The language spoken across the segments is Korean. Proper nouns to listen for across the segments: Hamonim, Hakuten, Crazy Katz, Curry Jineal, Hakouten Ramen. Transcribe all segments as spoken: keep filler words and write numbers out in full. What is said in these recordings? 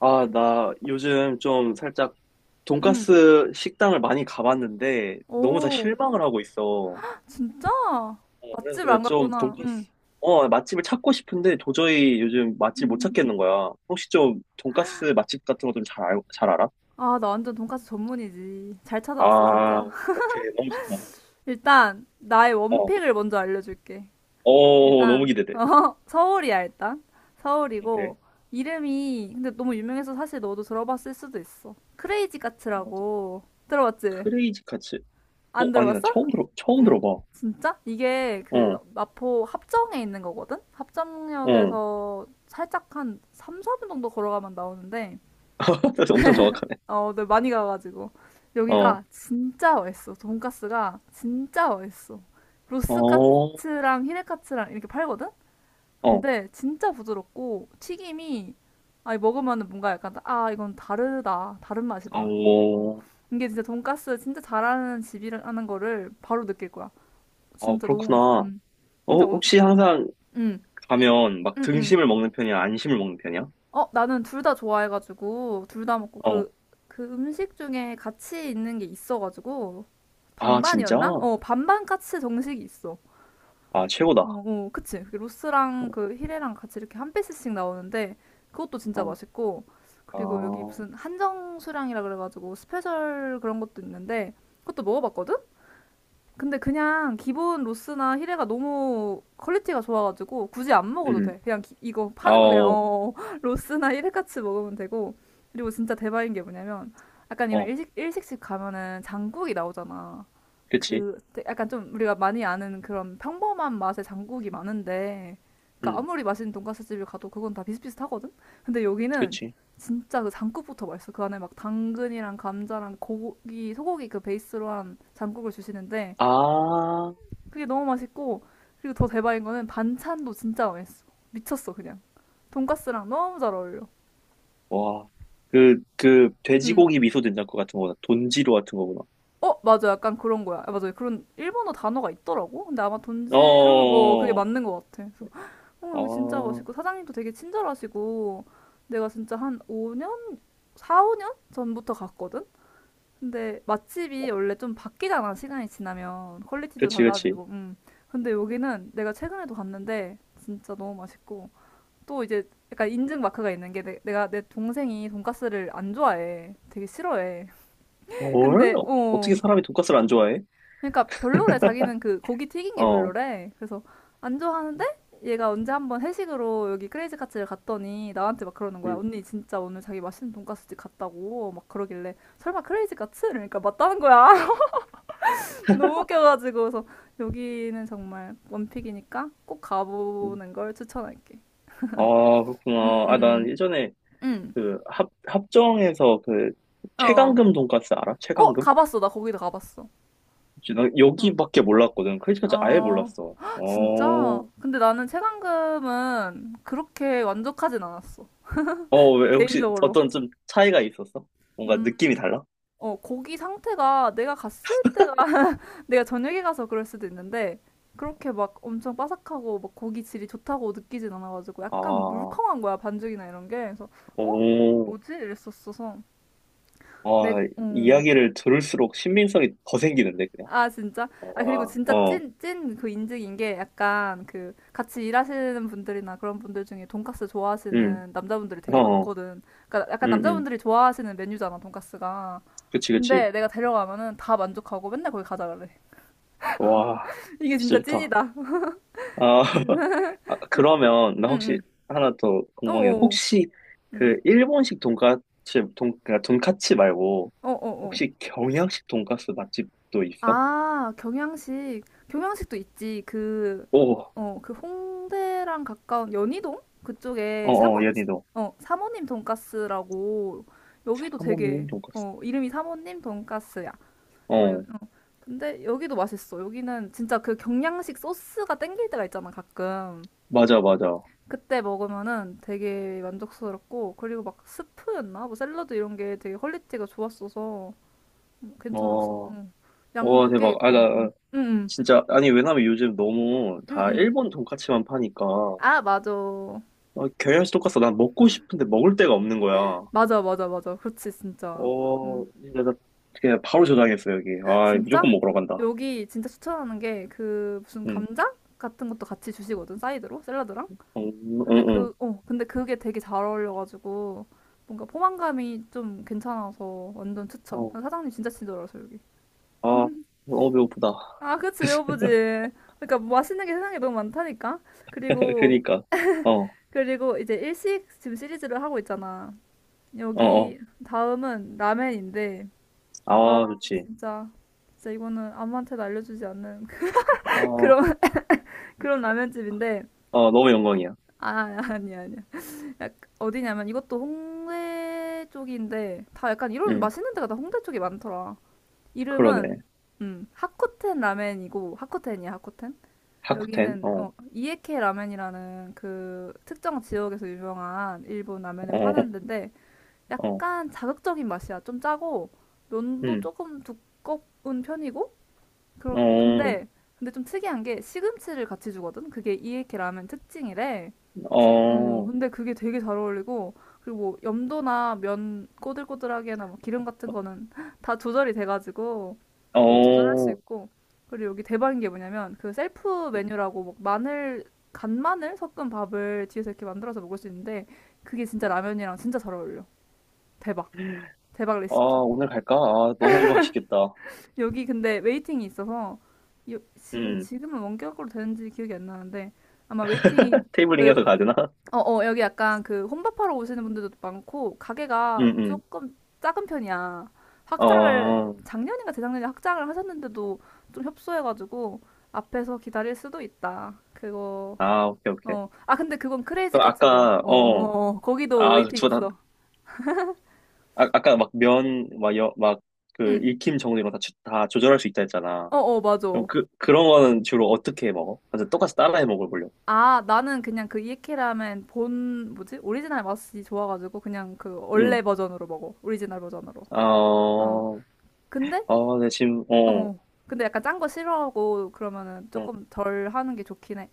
아, 나 요즘 좀 살짝 응. 돈가스 식당을 많이 가봤는데 너무 다 오, 실망을 하고 있어. 어, 진짜? 그래서 맛집을 내가 안 좀 갔구나. 돈가스, 응. 어, 맛집을 찾고 싶은데 도저히 요즘 맛집 못 음. 찾겠는 거야. 혹시 좀 돈가스 맛집 같은 거 좀 잘, 알, 잘 알아? 아, 나 완전 돈까스 전문이지. 잘 찾아왔어, 진짜. 아, 오케이. 너무 좋다. 일단, 나의 어, 원픽을 먼저 알려줄게. 어, 너무 일단, 기대돼. 어, 서울이야, 일단. 오케이. 서울이고, 이름이, 근데 너무 유명해서 사실 너도 들어봤을 수도 있어. 크레이지 어, 카츠라고. 들어봤지? 크레이지 카츠. 어, 안 아니, 나 들어봤어? 처음 들어, 처음 들어봐. 진짜? 이게 그 어, 마포 합정에 있는 거거든? 어. 합정역에서 살짝 한 삼, 사 분 정도 걸어가면 나오는데, 엄청 정확하네. 어, 네, 많이 가가지고. 어, 여기가 진짜 맛있어. 돈가스가 진짜 맛있어. 어, 로스카츠랑 히레카츠랑 이렇게 팔거든? 어, 근데 진짜 부드럽고 튀김이, 아니, 먹으면은 뭔가 약간 아 이건 다르다 다른 맛이다 이- 어. 어. 이게 진짜 돈가스 진짜 잘하는 집이라는 거를 바로 느낄 거야. 어, 진짜 너무 그렇구나. 맛있어. 음. 어, 진짜. 음, 혹시 항상 음, 가면 막 음, 음. 등심을 먹는 편이야? 안심을 먹는 편이야? 어, 나는 둘 다 좋아해가지고, 둘 다 먹고, 어. 그, 그 음식 중에 같이 있는 게 있어가지고, 아, 진짜? 반반이었나? 어, 반반 까치 정식이 있어. 아, 어, 최고다. 어, 그치. 그 어. 로스랑 그 히레랑 같이 이렇게 한 피스씩 나오는데, 그것도 진짜 어, 맛있고, 아, 그리고 여기 무슨 한정 수량이라 그래가지고, 스페셜 그런 것도 있는데, 그것도 먹어봤거든? 근데 그냥 기본 로스나 히레가 너무 퀄리티가 좋아가지고 굳이 안 먹어도 음. 돼. 그냥 기- 이거 아, 파는 거 그냥 어, 어 로스나 히레 같이 먹으면 되고, 그리고 진짜 대박인 게 뭐냐면, 약간 이런 어. 일식 일식집 가면은 장국이 나오잖아. 그치. 그 되- 약간 좀 우리가 많이 아는 그런 평범한 맛의 장국이 많은데, 그러니까 음, 아무리 맛있는 돈가스 집을 가도 그건 다 비슷비슷하거든. 근데 여기는 그치. 진짜 그 장국부터 맛있어. 그 안에 막 당근이랑 감자랑 고기, 소고기 그 베이스로 한 장국을 주시는데, 아, 그게 너무 맛있고, 그리고 더 대박인 거는 반찬도 진짜 맛있어. 미쳤어 그냥. 돈까스랑 너무 잘 어울려. 와. 그, 그, 응. 돼지고기 미소 된장국 같은 거구나. 돈지루 같은 거구나. 어 맞아, 약간 그런 거야. 아, 맞아, 그런 일본어 단어가 있더라고. 근데 아마 어, 돈지루 뭐 그게 어. 맞는 것 같아. 그래서 어 여기 진짜 어. 맛있고, 사장님도 되게 친절하시고, 내가 진짜 한 오 년, 사, 오 년 전부터 갔거든. 근데 맛집이 아, 원래 좀 바뀌잖아, 시간이 지나면 퀄리티도 그치, 그치. 달라지고. 음. 근데 여기는 내가 최근에도 갔는데 진짜 너무 맛있고, 또 이제 약간 인증 마크가 있는 게, 내, 내가 내 동생이 돈가스를 안 좋아해. 되게 싫어해. 헐? 근데 어떻게 어 사람이 돈가스를 안 좋아해? 그러니까 별로래. 자기는 그 고기 튀긴 게 어. 별로래. 그래서 안 좋아하는데, 얘가 언제 한번 회식으로 여기 크레이지 카츠를 갔더니 나한테 막 그러는 거야. 음, 언니 진짜 오늘 자기 맛있는 돈가스집 갔다고 막 그러길래 설마 크레이지 카츠? 그러니까 맞다는 거야. 너무 웃겨가지고. 그래서 여기는 정말 원픽이니까 꼭 음. 가보는 걸 추천할게. 아, 그렇구나. 아, 난 음, 예전에 음, 그 합, 합정에서 그 어. 최강금 돈가스 알아? 어, 최강금? 가봤어. 나 거기도 가봤어. 혹시 나 응. 여기밖에 몰랐거든. 크리스마스 아예 어, 몰랐어. 진짜? 어, 근데 나는 체감금은 그렇게 만족하진 않았어. 어, 왜 혹시 개인적으로. 어떤 좀 차이가 있었어? 뭔가 음, 느낌이 달라? 어, 거기 상태가 내가 갔을 때가 내가 저녁에 가서 그럴 수도 있는데, 그렇게 막 엄청 바삭하고 막 고기 질이 좋다고 느끼진 않아가지고, 약간 아, 물컹한 거야, 반죽이나 이런 게. 그래서 어? 오, 뭐지? 이랬었어서. 내, 와, 어, 이야기를 들을수록 신빙성이 더 생기는데 그냥. 아, 진짜? 아, 그리고 와, 진짜 어, 찐, 찐 그 인증인 게, 약간 그 같이 일하시는 분들이나 그런 분들 중에 돈까스 음, 좋아하시는 남자분들이 어, 되게 어. 많거든. 그러니까 약간 음, 음, 남자분들이 좋아하시는 메뉴잖아, 돈까스가. 그치, 그치. 근데 내가 데려가면은 다 만족하고 맨날 거기 가자 그래. 와, 이게 진짜 진짜 좋다. 찐이다. 아, 아, 그러면 나 응, 혹시 응. 하나 더 궁금해. 어어. 혹시 응. 그 일본식 돈까스 돈 그러니까 돈까츠 말고 어어어. 혹시 경양식 돈까스 맛집도 있어? 아, 경양식. 경양식도 있지. 그, 어, 오, 어, 그 홍대랑 가까운 연희동? 그쪽에 어, 어, 사모, 연희도 어, 사모님 돈가스라고. 여기도 하모님 되게, 돈까스. 어, 이름이 사모님 돈가스야. 막 요- 어, 어. 근데 여기도 맛있어. 여기는 진짜 그 경양식 소스가 땡길 때가 있잖아, 가끔. 맞아, 맞아. 그때 먹으면은 되게 만족스럽고, 그리고 막 스프였나? 뭐 샐러드 이런 게 되게 퀄리티가 좋았어서 음, 괜찮았어. 어, 응. 와 양도 꽤 대박. 아, 있고. 나 나 응. 응. 응. 진짜 아니 왜냐면 요즘 너무 다 응응. 일본 돈까츠만 파니까 어, 아, 맞아. 경양식 돈까스 난 먹고 싶은데 먹을 데가 없는 거야. 맞아, 맞아, 맞아. 그렇지, 진짜. 응. 어, 진짜 나 그냥 바로 저장했어 여기. 아, 무조건 진짜? 먹으러 간다. 여기 진짜 추천하는 게, 그 무슨 응. 감자 같은 것도 같이 주시거든, 사이드로, 샐러드랑. 음, 근데 응, 응. 그, 어, 근데 그게 되게 잘 어울려가지고 뭔가 포만감이 좀 괜찮아서 완전 추천. 어, 아, 사장님 진짜 친절하셔, 여기. 아, 어, 배고프다. 아, 그치, 배고프지. 그러니까 뭐 맛있는 게 세상에 너무 많다니까. 그리고, 그니까. 어, 그리고 이제 일식 지금 시리즈를 하고 있잖아. 어, 어. 여기 다음은 라멘인데, 아, 아, 좋지. 진짜. 진짜 이거는 아무한테도 알려주지 않는 어, 그런, 그런 라면집인데. 어, 너무 영광이야. 아, 아니야, 아니야. 약, 어디냐면 이것도 홍대 쪽인데, 다 약간 이런 응, 맛있는 데가 다 홍대 쪽이 많더라. 이름은, 그러네. 음, 하코텐 라멘이고, 하코텐이야, 하코텐? 하쿠텐? 여기는, 어, 어, 이에케 라멘이라는 그 특정 지역에서 유명한 일본 라면을 어, 파는 데인데, 어, 약간 자극적인 맛이야. 좀 짜고, 면도 응, 조금 두꺼운 편이고, 그렇 어, 근데 근데 좀 특이한 게 시금치를 같이 주거든. 그게 이에케 라면 특징이래. 어, 어, 근데 그게 되게 잘 어울리고, 그리고 뭐 염도나 면 꼬들꼬들하게나 뭐 기름 같은 거는 다 조절이 돼가지고 그거 조절할 수 어. 있고. 그리고 여기 대박인 게 뭐냐면, 그 셀프 음. 메뉴라고 막 마늘, 간마늘 섞은 밥을 뒤에서 이렇게 만들어서 먹을 수 있는데, 그게 진짜 라면이랑 진짜 잘 어울려. 대박. 대박 아, 레시피. 오늘 갈까? 아, 너무 맛있겠다. 여기 근데 웨이팅이 있어서 요- 지금 응, 지금은 원격으로 되는지 기억이 안 나는데, 아마 웨이팅이, 테이블링 그러니까 해서 가야 되나? 여- 어, 어, 여기 약간 그 혼밥하러 오시는 분들도 많고 가게가 응, 응. 조금 작은 편이야. 확장을 어, 작년인가 재작년에 확장을 하셨는데도 좀 협소해가지고 앞에서 기다릴 수도 있다. 그거, 아, 오케이, 오케이. 어, 아 근데 그건 크레이지 그럼 카츠도 아까, 어, 어, 어, 어, 거기도 아, 웨이팅 주다 있어. 아, 아까 막 면, 막 여, 막그 응, 익힘 정도 이런 거 다, 추- 다 조절할 수 있다 했잖아. 어, 어, 맞아. 그럼 그, 그런 거는 주로 어떻게 해 먹어? 완전 똑같이 따라해 먹어보려고. 아, 나는 그냥 그 이케라멘 본, 뭐지, 오리지널 맛이 좋아가지고 그냥 그 응. 원래 버전으로 먹어. 오리지널 버전으로. 어, 어. 근데? 어, 내 지금, 어, 어. 근데 약간 짠 거 싫어하고 그러면은 어, 조금 덜 하는 게 좋긴 해.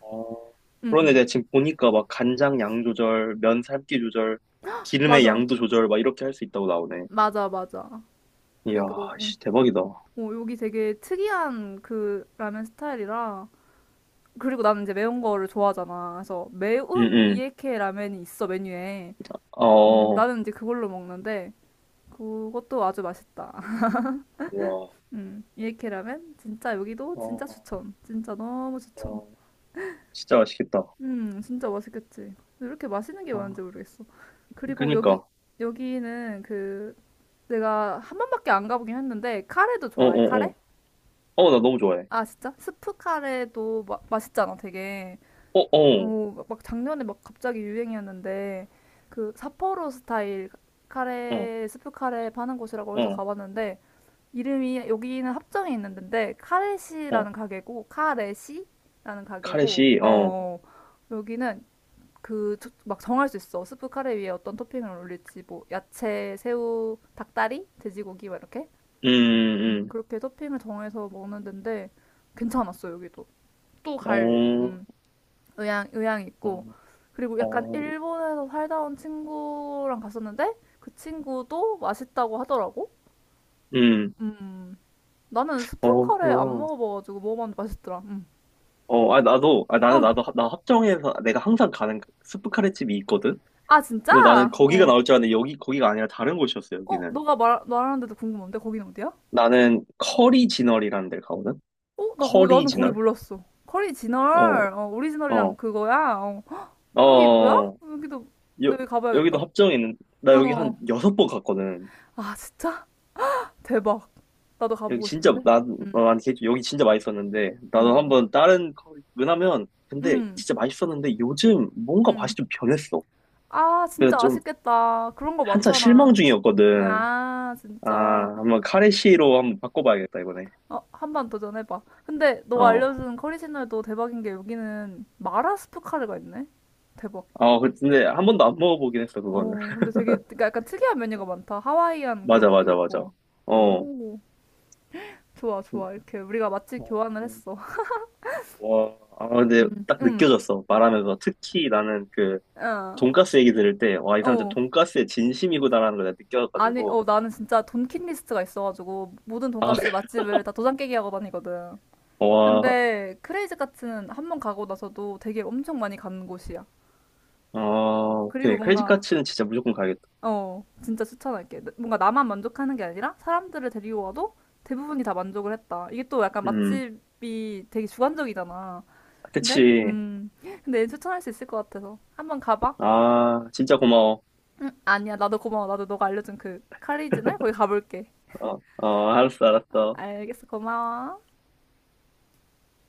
어. 응, 그런데 응. 내가 지금 보니까 막 간장 양 조절, 면 삶기 조절, 기름의 맞아. 양도 조절, 막 이렇게 할 수 있다고 나오네. 맞아, 맞아. 이야, 그거, 응. 씨, 대박이다. 어, 여기 되게 특이한 그 라면 스타일이라. 그리고 나는 이제 매운 거를 좋아하잖아. 그래서 응, 매운 응. 이케 라면이 있어, 메뉴에. 음, 어, 나는 이제 그걸로 먹는데 그것도 아주 맛있다. 와, 음, 이렇게 라면 진짜 여기도 진짜 어, 추천. 진짜 너무 추천. 어, 진짜 맛있겠다. 음, 진짜 맛있겠지. 근데 이렇게 맛있는 게 많은지 아, 모르겠어. 그리고 여기 그니까. 여기는 그, 내가 한 번밖에 안 가보긴 했는데 카레도 어, 좋아해. 어, 어. 카레? 어, 나 너무 좋아해. 아, 진짜? 스프 카레도 마, 맛있잖아, 되게. 어, 어. 어, 막, 막 작년에 막 갑자기 유행이었는데, 그 삿포로 스타일 어, 카레, 스프 카레 파는 곳이라고 해서 어, 가봤는데, 이름이, 여기는 합정에 있는데, 어, 카레시라는 가게고 카레시라는 가게고, 카레시, 어, 어, 어 여기는 그 막 정할 수 있어. 스프 카레 위에 어떤 토핑을 올릴지 뭐 야채, 새우, 닭다리, 돼지고기, 막 이렇게, 음, 음, 음, 그렇게 토핑을 정해서 먹는 데인데 괜찮았어, 여기도. 또 음. 갈 음, 어, 의향 의향 있고, 그리고 어, 약간 어, 일본에서 살다 온 친구랑 갔었는데 그 친구도 맛있다고 하더라고. 음, 음 나는 스프 어, 카레 안 그렇구나. 먹어봐가지고 먹어봤는데 맛있더라. 응. 어, 아, 나도, 아, 나는, 어. 나도, 나 합정에서 내가 항상 가는 스프 카레집이 있거든? 아 진짜? 근데 나는 거기가 어. 나올 줄 알았는데, 여기, 거기가 아니라 다른 곳이었어, 어 여기는. 너가 말 말하는데도 궁금한데 거기는 어디야? 나는 커리 진얼이라는 데를 가거든? 어? 나 거기 커리 나는 거기 진얼? 몰랐어. 커리 어, 진얼, 어 오리지널이랑 어, 그거야. 어. 여기 뭐야? 어, 여기도 여, 내가 가봐야겠다. 여기도 합정에 있는, 나 여기 한 어. 여섯 번 갔거든. 아 진짜? 대박. 나도 여기 가보고 진짜 싶은데. 나 어, 응. 아니 개주 여기 진짜 맛있었는데 나도 어. 한번 다른 거- 왜냐면 근데 응, 진짜 맛있었는데 요즘 뭔가 맛이 응. 좀 변했어. 아 그래서 진짜 좀 아쉽겠다. 그런 거 한참 실망 많잖아. 중이었거든. 아 아, 진짜. 한번 카레시로 한번 바꿔봐야겠다 이번에. 어, 한 번 도전해봐. 근데 너가 어. 알려준 커리 채널도 대박인 게, 여기는 마라스프 카레가 있네? 대박. 어 그, 근데 한 번도 안 먹어보긴 했어 그거는. 어, 근데 되게, 그러니까 약간 특이한 메뉴가 많다. 하와이안 그런 맞아, 것도 맞아, 맞아. 있고. 어. 오, 좋아, 음, 좋아. 이렇게 우리가 맛집 어, 교환을 음. 했어. 와. 아, 근데 음. 딱 응, 느껴졌어 말하면서 특히 나는 그 어, 돈가스 얘기 들을 때 와, 이 사람 진짜 어. 돈가스에 진심이구나라는 걸 내가 아니, 느껴가지고. 어, 나는 진짜 돈킷 리스트가 있어가지고 모든 아, 돈가스 그, 맛집을 다 도장 깨기 하고 다니거든. 와, 근데 크레이지 카츠는 한번 가고 나서도 되게 엄청 많이 가는 곳이야. 아, 어, 그리고 오케이. 크레이지 뭔가, 카츠는 진짜 무조건 가야겠다. 어, 진짜 추천할게. 뭔가 나만 만족하는 게 아니라 사람들을 데리고 와도 대부분이 다 만족을 했다. 이게 또 약간 음, 맛집이 되게 주관적이잖아. 근데, 그치. 음, 근데 얘는 추천할 수 있을 것 같아서. 한번 가봐. 아, 진짜 고마워. 응, 아니야. 나도 고마워. 나도 너가 알려준 그 카리지날 거기 가볼게. 어, 어, 알았어, 알았어. 알겠어. 고마워.